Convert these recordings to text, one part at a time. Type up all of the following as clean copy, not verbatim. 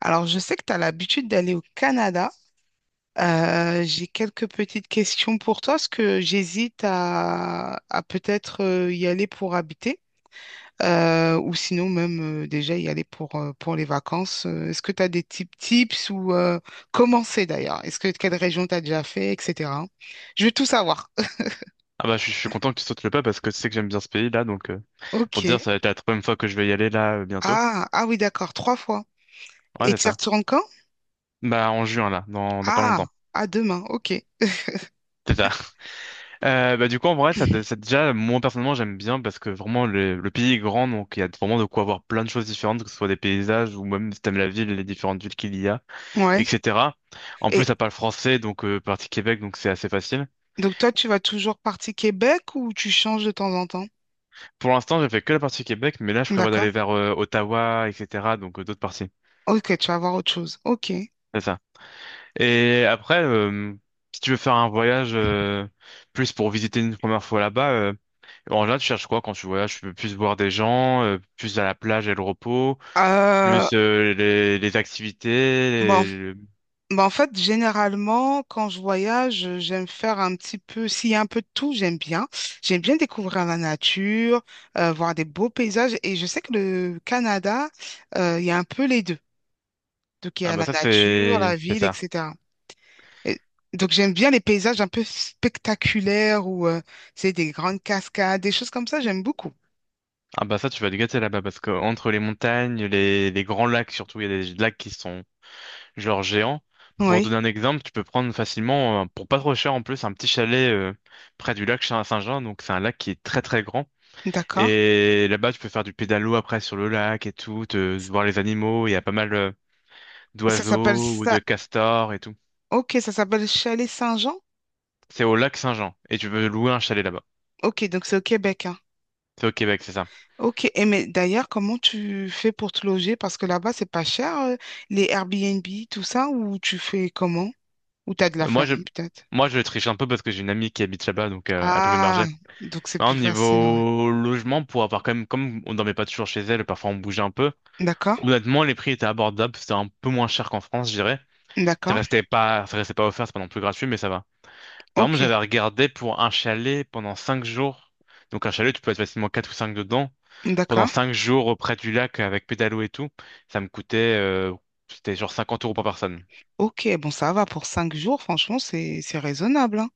Alors, je sais que tu as l'habitude d'aller au Canada. J'ai quelques petites questions pour toi, parce que j'hésite à peut-être y aller pour habiter, ou sinon même déjà y aller pour les vacances. Est-ce que tu as des types tips ou comment c'est d'ailleurs? Est-ce que quelle région tu as déjà fait, etc. Je veux tout savoir. Ah bah je suis content que tu sautes le pas parce que tu sais que j'aime bien ce pays là donc pour te dire Ok. ça va être la troisième fois que je vais y aller là bientôt. Ah, ah oui, d'accord, trois fois. Ouais Et c'est tu y ça. retournes quand? Bah en juin là, dans pas Ah, longtemps. à demain, ok. C'est ça. Bah du coup en vrai ça déjà moi personnellement j'aime bien parce que vraiment le pays est grand donc il y a vraiment de quoi voir plein de choses différentes que ce soit des paysages ou même si t'aimes la ville les différentes villes qu'il y a Ouais. etc. En plus Et ça parle français donc partie Québec donc c'est assez facile. donc toi, tu vas toujours partie Québec ou tu changes de temps en temps? Pour l'instant j'ai fait que la partie Québec mais là je prévois D'accord. d'aller vers Ottawa etc. donc d'autres parties. Ok, tu vas voir autre chose. Ok. C'est ça. Et après, si tu veux faire un voyage plus pour visiter une première fois là-bas, en général, tu cherches quoi quand tu voyages? Tu veux plus voir des gens, plus à la plage et le repos, Euh, plus les activités. bon, les- le- bah en fait, généralement, quand je voyage, j'aime faire un petit peu, s'il y a un peu de tout, j'aime bien. J'aime bien découvrir la nature, voir des beaux paysages. Et je sais que le Canada, il y a un peu les deux. Donc, il y Ah a bah la ça, nature, la c'est ville, ça. etc. Et donc, j'aime bien les paysages un peu spectaculaires où c'est des grandes cascades, des choses comme ça, j'aime beaucoup. Ah bah ça, tu vas te gâter là-bas parce que entre les montagnes, les grands lacs surtout, il y a des lacs qui sont genre géants. Pour Oui. donner un exemple, tu peux prendre facilement, pour pas trop cher en plus, un petit chalet près du lac Saint-Jean. Donc c'est un lac qui est très très grand. D'accord. Et là-bas, tu peux faire du pédalo après sur le lac et tout, te, voir les animaux. Il y a pas mal Ça s'appelle d'oiseaux ou ça. de castors et tout. Ok, ça s'appelle Chalet Saint-Jean. C'est au lac Saint-Jean et tu peux louer un chalet là-bas. Ok, donc c'est au Québec, hein. C'est au Québec, c'est ça. Ok, et mais d'ailleurs, comment tu fais pour te loger? Parce que là-bas, c'est pas cher, les Airbnb, tout ça, ou tu fais comment? Ou t'as de la Euh, Moi, je, famille, peut-être? moi, je triche un peu parce que j'ai une amie qui habite là-bas, donc elle peut Ah, m'héberger. donc c'est plus Hein, facile, ouais. niveau logement, pour avoir quand même, comme on dormait pas toujours chez elle, parfois on bougeait un peu. D'accord, Honnêtement, les prix étaient abordables, c'était un peu moins cher qu'en France, je dirais. Ça d'accord, restait pas, ça restait pas offert, c'est pas non plus gratuit, mais ça va. Par exemple, ok, j'avais regardé pour un chalet pendant 5 jours. Donc un chalet, tu peux être facilement quatre ou cinq dedans. Pendant d'accord, cinq jours auprès du lac avec pédalo et tout, ça me coûtait, c'était genre 50 euros par personne. ok. Bon, ça va pour cinq jours, franchement, c'est raisonnable, hein.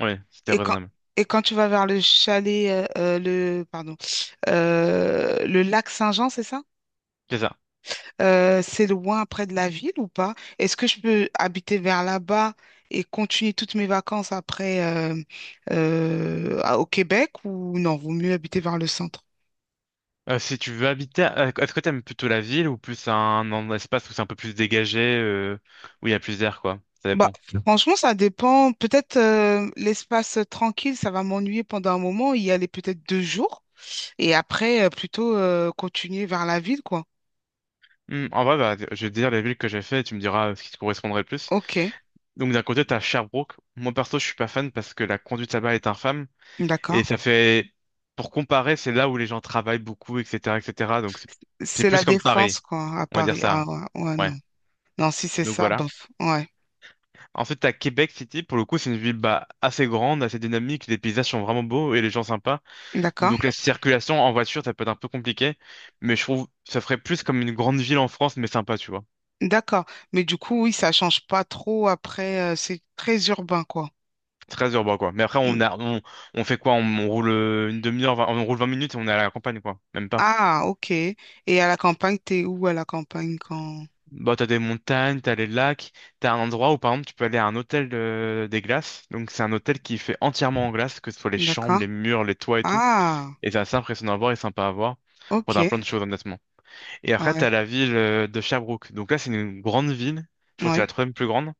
Ouais, c'était Et quand raisonnable. et quand tu vas vers le chalet, le pardon, le lac Saint-Jean, c'est ça? C'est ça. C'est loin près de la ville ou pas? Est-ce que je peux habiter vers là-bas et continuer toutes mes vacances après au Québec ou non, vaut mieux habiter vers le centre? Si tu veux habiter, est-ce que t'aimes plutôt la ville ou plus un espace où c'est un peu plus dégagé, où il y a plus d'air, quoi? Ça Bah, dépend. franchement, ça dépend. Peut-être l'espace tranquille, ça va m'ennuyer pendant un moment, y aller peut-être deux jours et après plutôt continuer vers la ville, quoi. En vrai, bah, je vais te dire les villes que j'ai fait et tu me diras ce qui te correspondrait le plus. Ok, Donc d'un côté, t'as Sherbrooke. Moi perso, je suis pas fan parce que la conduite là-bas est infâme. d'accord. Et ça fait, pour comparer, c'est là où les gens travaillent beaucoup, etc., etc. Donc c'est C'est la plus comme Défense, Paris, quoi, à on va dire Paris. Ah ça. ouais, ouais, Ouais. non. Non, si c'est Donc ça, voilà. bof. Ouais, Ensuite, à Québec City, pour le coup, c'est une ville bah, assez grande, assez dynamique. Les paysages sont vraiment beaux et les gens sympas. d'accord. Donc la circulation en voiture, ça peut être un peu compliqué, mais je trouve que ça ferait plus comme une grande ville en France, mais sympa, tu vois. D'accord. Mais du coup, oui, ça change pas trop après. C'est très urbain, quoi. Très urbain, quoi. Mais après, Mm. on fait quoi? On roule une demi-heure, on roule 20 minutes et on est à la campagne, quoi. Même pas. Ah, ok. Et à la campagne, t'es où à la campagne quand... Bah, t'as des montagnes, t'as les lacs, t'as un endroit où par exemple tu peux aller à un hôtel des glaces. Donc c'est un hôtel qui est fait entièrement en glace, que ce soit les chambres, D'accord. les murs, les toits et tout. Ah, Et c'est assez impressionnant à voir et sympa à voir. Bon, t'as ok. plein de choses honnêtement. Et après Ouais, t'as la ville de Sherbrooke. Donc là c'est une grande ville. Je crois que c'est ouais. la troisième plus grande.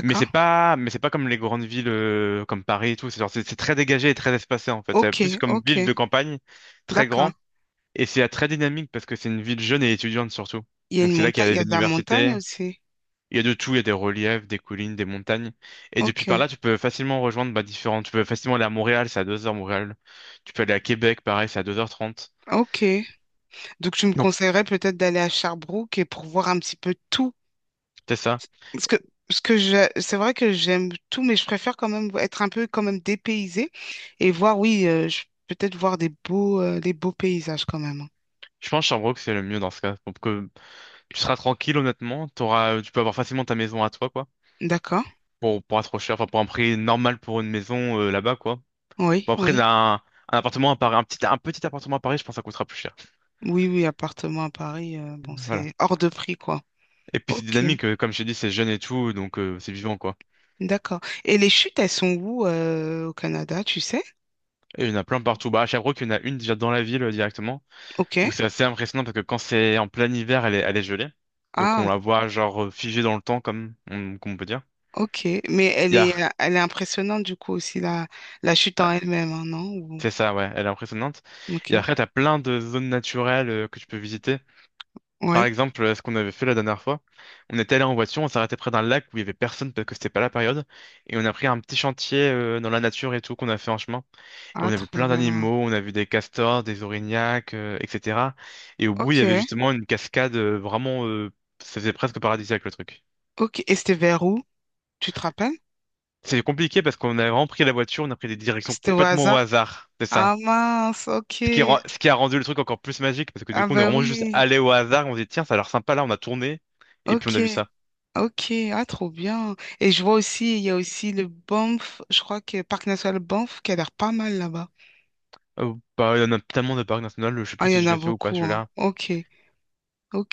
Mais c'est pas comme les grandes villes comme Paris et tout. C'est genre c'est très dégagé et très espacé en fait. C'est plus Ok, comme ville ok. de campagne, très D'accord. grand. Et c'est très dynamique parce que c'est une ville jeune et étudiante surtout. Il y a Donc une c'est là qu'il montagne, y a il y les a de la montagne universités. aussi. Il y a de tout, il y a des reliefs, des collines, des montagnes. Et depuis Ok, par là, tu peux facilement rejoindre bah, différents. Tu peux facilement aller à Montréal, c'est à 2 heures Montréal. Tu peux aller à Québec, pareil, c'est à 2 heures 30. ok. Donc, tu me Donc, conseillerais peut-être d'aller à Sherbrooke et pour voir un petit peu tout. c'est ça. Parce que, ce que je, c'est vrai que j'aime tout, mais je préfère quand même être un peu quand même dépaysée et voir, oui, peut-être voir des beaux paysages quand même, hein. Je pense Sherbrooke, c'est le mieux dans ce cas. Donc, que tu seras tranquille, honnêtement. T'auras, tu peux avoir facilement ta maison à toi, quoi. D'accord? Pour pas trop cher, enfin, pour un prix normal pour une maison là-bas, quoi. Oui, Bon, après, oui. un appartement à Paris, un petit appartement à Paris, je pense que ça coûtera plus cher. Oui, oui, appartement à Paris, bon, Voilà. c'est hors de prix, quoi. Et puis, c'est Ok, dynamique, comme je t'ai dit, c'est jeune et tout, donc c'est vivant, quoi. d'accord. Et les chutes, elles sont où au Canada, tu sais? Et il y en a plein partout. Bah, à Sherbrooke, il y en a une déjà dans la ville directement, Ok. où c'est assez impressionnant parce que quand c'est en plein hiver, elle est gelée. Donc on Ah, la voit genre figée dans le temps, comme on peut dire. ok. Mais Il y a- elle est impressionnante, du coup, aussi, la chute ah, en elle-même, hein, non? Ou- c'est ça, ouais, elle est impressionnante. Et après, Ok. t'as plein de zones naturelles que tu peux visiter. Par Oui. exemple, ce qu'on avait fait la dernière fois, on était allé en voiture, on s'est arrêté près d'un lac où il y avait personne parce que c'était pas la période, et on a pris un petit chantier dans la nature et tout qu'on a fait en chemin. Et on Ah, avait trop plein bien. d'animaux, on a vu des castors, des orignacs, etc. Et au bout, il y Ok, avait justement une cascade vraiment, ça faisait presque paradisiaque le truc. ok. Et c'était vers où? Tu te rappelles? C'est compliqué parce qu'on a vraiment pris la voiture, on a pris des directions C'était au complètement au hasard. hasard. C'est ça. Ah mince, ok. Ce qui a rendu le truc encore plus magique parce que du Ah coup, on est ben vraiment juste oui, allé au hasard, on s'est dit, tiens, ça a l'air sympa là, on a tourné et puis on ok, a vu ça. ok. Ah trop bien. Et je vois aussi, il y a aussi le Banff, je crois que Parc National Banff qui a l'air pas mal là-bas. Oh, bah, il y en a tellement de parcs nationaux, je sais Ah, plus il y si en je a l'ai fait ou pas beaucoup, hein. celui-là. Ok,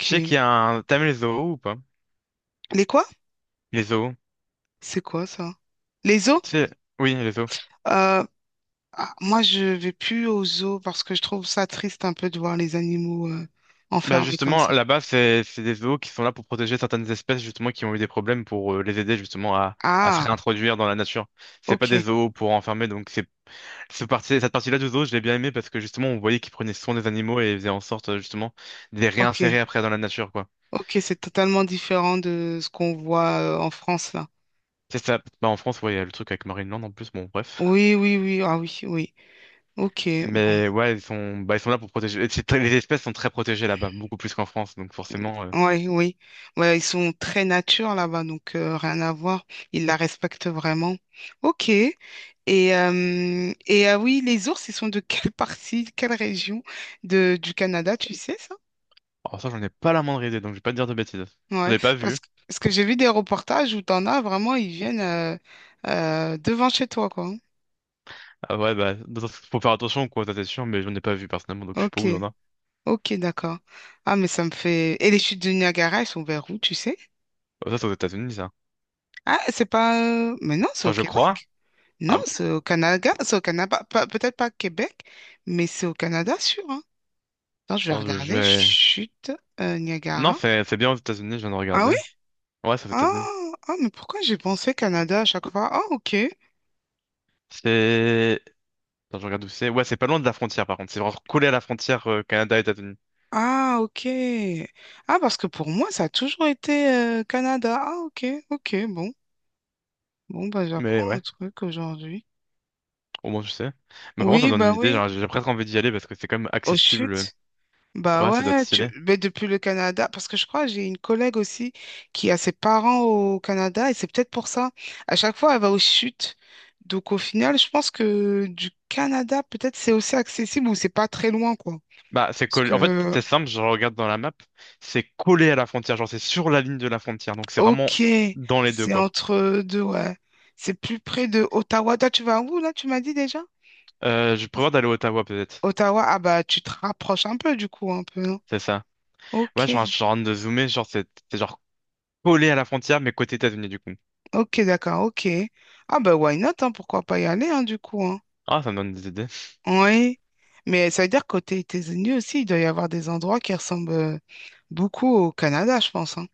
Je sais qu'il y a un. T'as les zoos ou pas? Les quoi? Les zoos. C'est quoi ça? Les zoos? Tu sais, oui, les zoos. Euh, ah, moi, je vais plus aux zoos parce que je trouve ça triste un peu de voir les animaux Bah enfermés comme justement, ça. là-bas, c'est des zoos qui sont là pour protéger certaines espèces justement qui ont eu des problèmes pour les aider justement à se Ah, réintroduire dans la nature. C'est pas des ok, zoos pour enfermer, donc c'est... Cette partie-là du zoo, je l'ai bien aimé parce que justement, on voyait qu'ils prenaient soin des animaux et faisaient en sorte justement de les ok. réinsérer après dans la nature, quoi. Ok, c'est totalement différent de ce qu'on voit en France là. C'est ça. Bah, en France, ouais, il y a le truc avec Marineland en plus, bon, bref. Oui, oui, oui, ah oui, oui. Ok, bon. Mais ouais, ils sont, bah, ils sont là pour protéger. Et c'est très... Les espèces sont très protégées là-bas, beaucoup plus qu'en France, donc forcément. Ouais, oui. Ouais, ils sont très nature là-bas, donc rien à voir. Ils la respectent vraiment. Ok. Et ah oui, les ours, ils sont de quelle partie, quelle région de, du Canada, tu sais ça? Alors ça, j'en ai pas la moindre idée, donc je vais pas te dire de bêtises. Je Ouais. l'ai pas vu. Parce que j'ai vu des reportages où t'en as vraiment, ils viennent devant chez toi, quoi. Ah ouais, bah, faut faire attention, quoi, ça c'est sûr, mais j'en ai pas vu personnellement, donc je sais pas Ok. où il y en a. Ok, d'accord. Ah, mais ça me fait... Et les chutes du Niagara, elles sont vers où, tu sais? Ah, ça, c'est aux États-Unis, ça. Ah, c'est pas... Mais non, c'est Enfin, au je crois. Québec. Non, Ah bon? c'est au Canada. C'est au Canada. Pas- Peut-être pas Québec, mais c'est au Canada, sûr. Hein. Attends, je vais Attends, je regarder. vais. Chute Non, Niagara. c'est bien aux États-Unis, je viens de Ah oui? regarder. Ouais, c'est aux Ah, États-Unis. ah, mais pourquoi j'ai pensé Canada à chaque fois? Ah, ok. C'est... Attends, je regarde où c'est. Ouais, c'est pas loin de la frontière, par contre. C'est vraiment collé à la frontière Canada-États-Unis. Ah, ok. Ah, parce que pour moi, ça a toujours été Canada. Ah, ok, ok, bon. Bon, bah, j'apprends Mais un ouais, truc aujourd'hui. au moins je sais. Mais par contre, ça Oui, me donne bah une idée. oui. Genre, j'ai presque envie d'y aller parce que c'est quand même Aux accessible. chutes. Bah Ouais, ça doit être ouais, tu... stylé. mais depuis le Canada, parce que je crois que j'ai une collègue aussi qui a ses parents au Canada et c'est peut-être pour ça. À chaque fois, elle va aux chutes. Donc au final, je pense que du Canada, peut-être c'est aussi accessible ou c'est pas très loin, quoi. Bah, c'est Parce collé. En fait, que, c'est simple. Je regarde dans la map. C'est collé à la frontière. Genre, c'est sur la ligne de la frontière. Donc, c'est vraiment ok, dans les deux, c'est quoi. entre deux, ouais. C'est plus près de Ottawa. Toi, tu vas où là, tu m'as dit déjà? Je prévois d'aller à Ottawa, peut-être. Ottawa, ah bah tu te rapproches un peu du coup, un peu, non? C'est ça. Ouais, Ok, genre, je suis en train de zoomer. Genre, c'est genre collé à la frontière, mais côté États-Unis, du coup. ok, d'accord, ok. Ah bah why not, hein, pourquoi pas y aller, hein, du coup, hein. Ah, ça me donne des idées. Oui, mais ça veut dire côté États-Unis aussi, il doit y avoir des endroits qui ressemblent beaucoup au Canada, je pense, hein,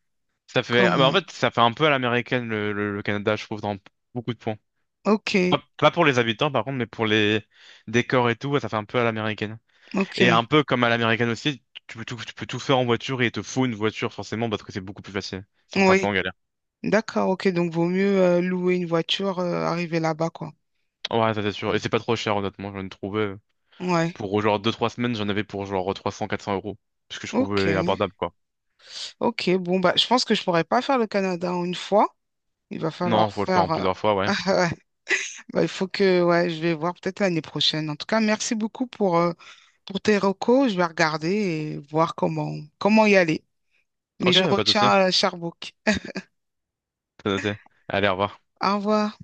Ça fait, quand ah, bah, en même. fait, ça fait un peu à l'américaine le Canada, je trouve, dans beaucoup de points. Ok, Pas pour les habitants, par contre, mais pour les décors et tout, ouais, ça fait un peu à l'américaine. Et ok, un peu comme à l'américaine aussi, tu peux tout faire en voiture et il te faut une voiture forcément parce que c'est beaucoup plus facile. Sinon, t'es un peu oui, en galère. d'accord, ok, donc vaut mieux louer une voiture, arriver là-bas, quoi. Ouais, ça c'est sûr. Et c'est pas trop cher, honnêtement. J'en ai trouvé Ouais, pour genre 2 3 semaines, j'en avais pour genre 300, 400 euros, parce que je ok, trouvais abordable, quoi. ok, bon, bah, je pense que je pourrais pas faire le Canada en une fois, il va Non, falloir faut le faire en faire... plusieurs fois, ouais. bah, il faut que, ouais, je vais voir peut-être l'année prochaine. En tout cas, merci beaucoup pour tes recos, je vais regarder et voir comment, comment y aller. Mais Ok, je bah, pas de souci. retiens Sherbrooke. T'as noté. Allez, au revoir. Au revoir.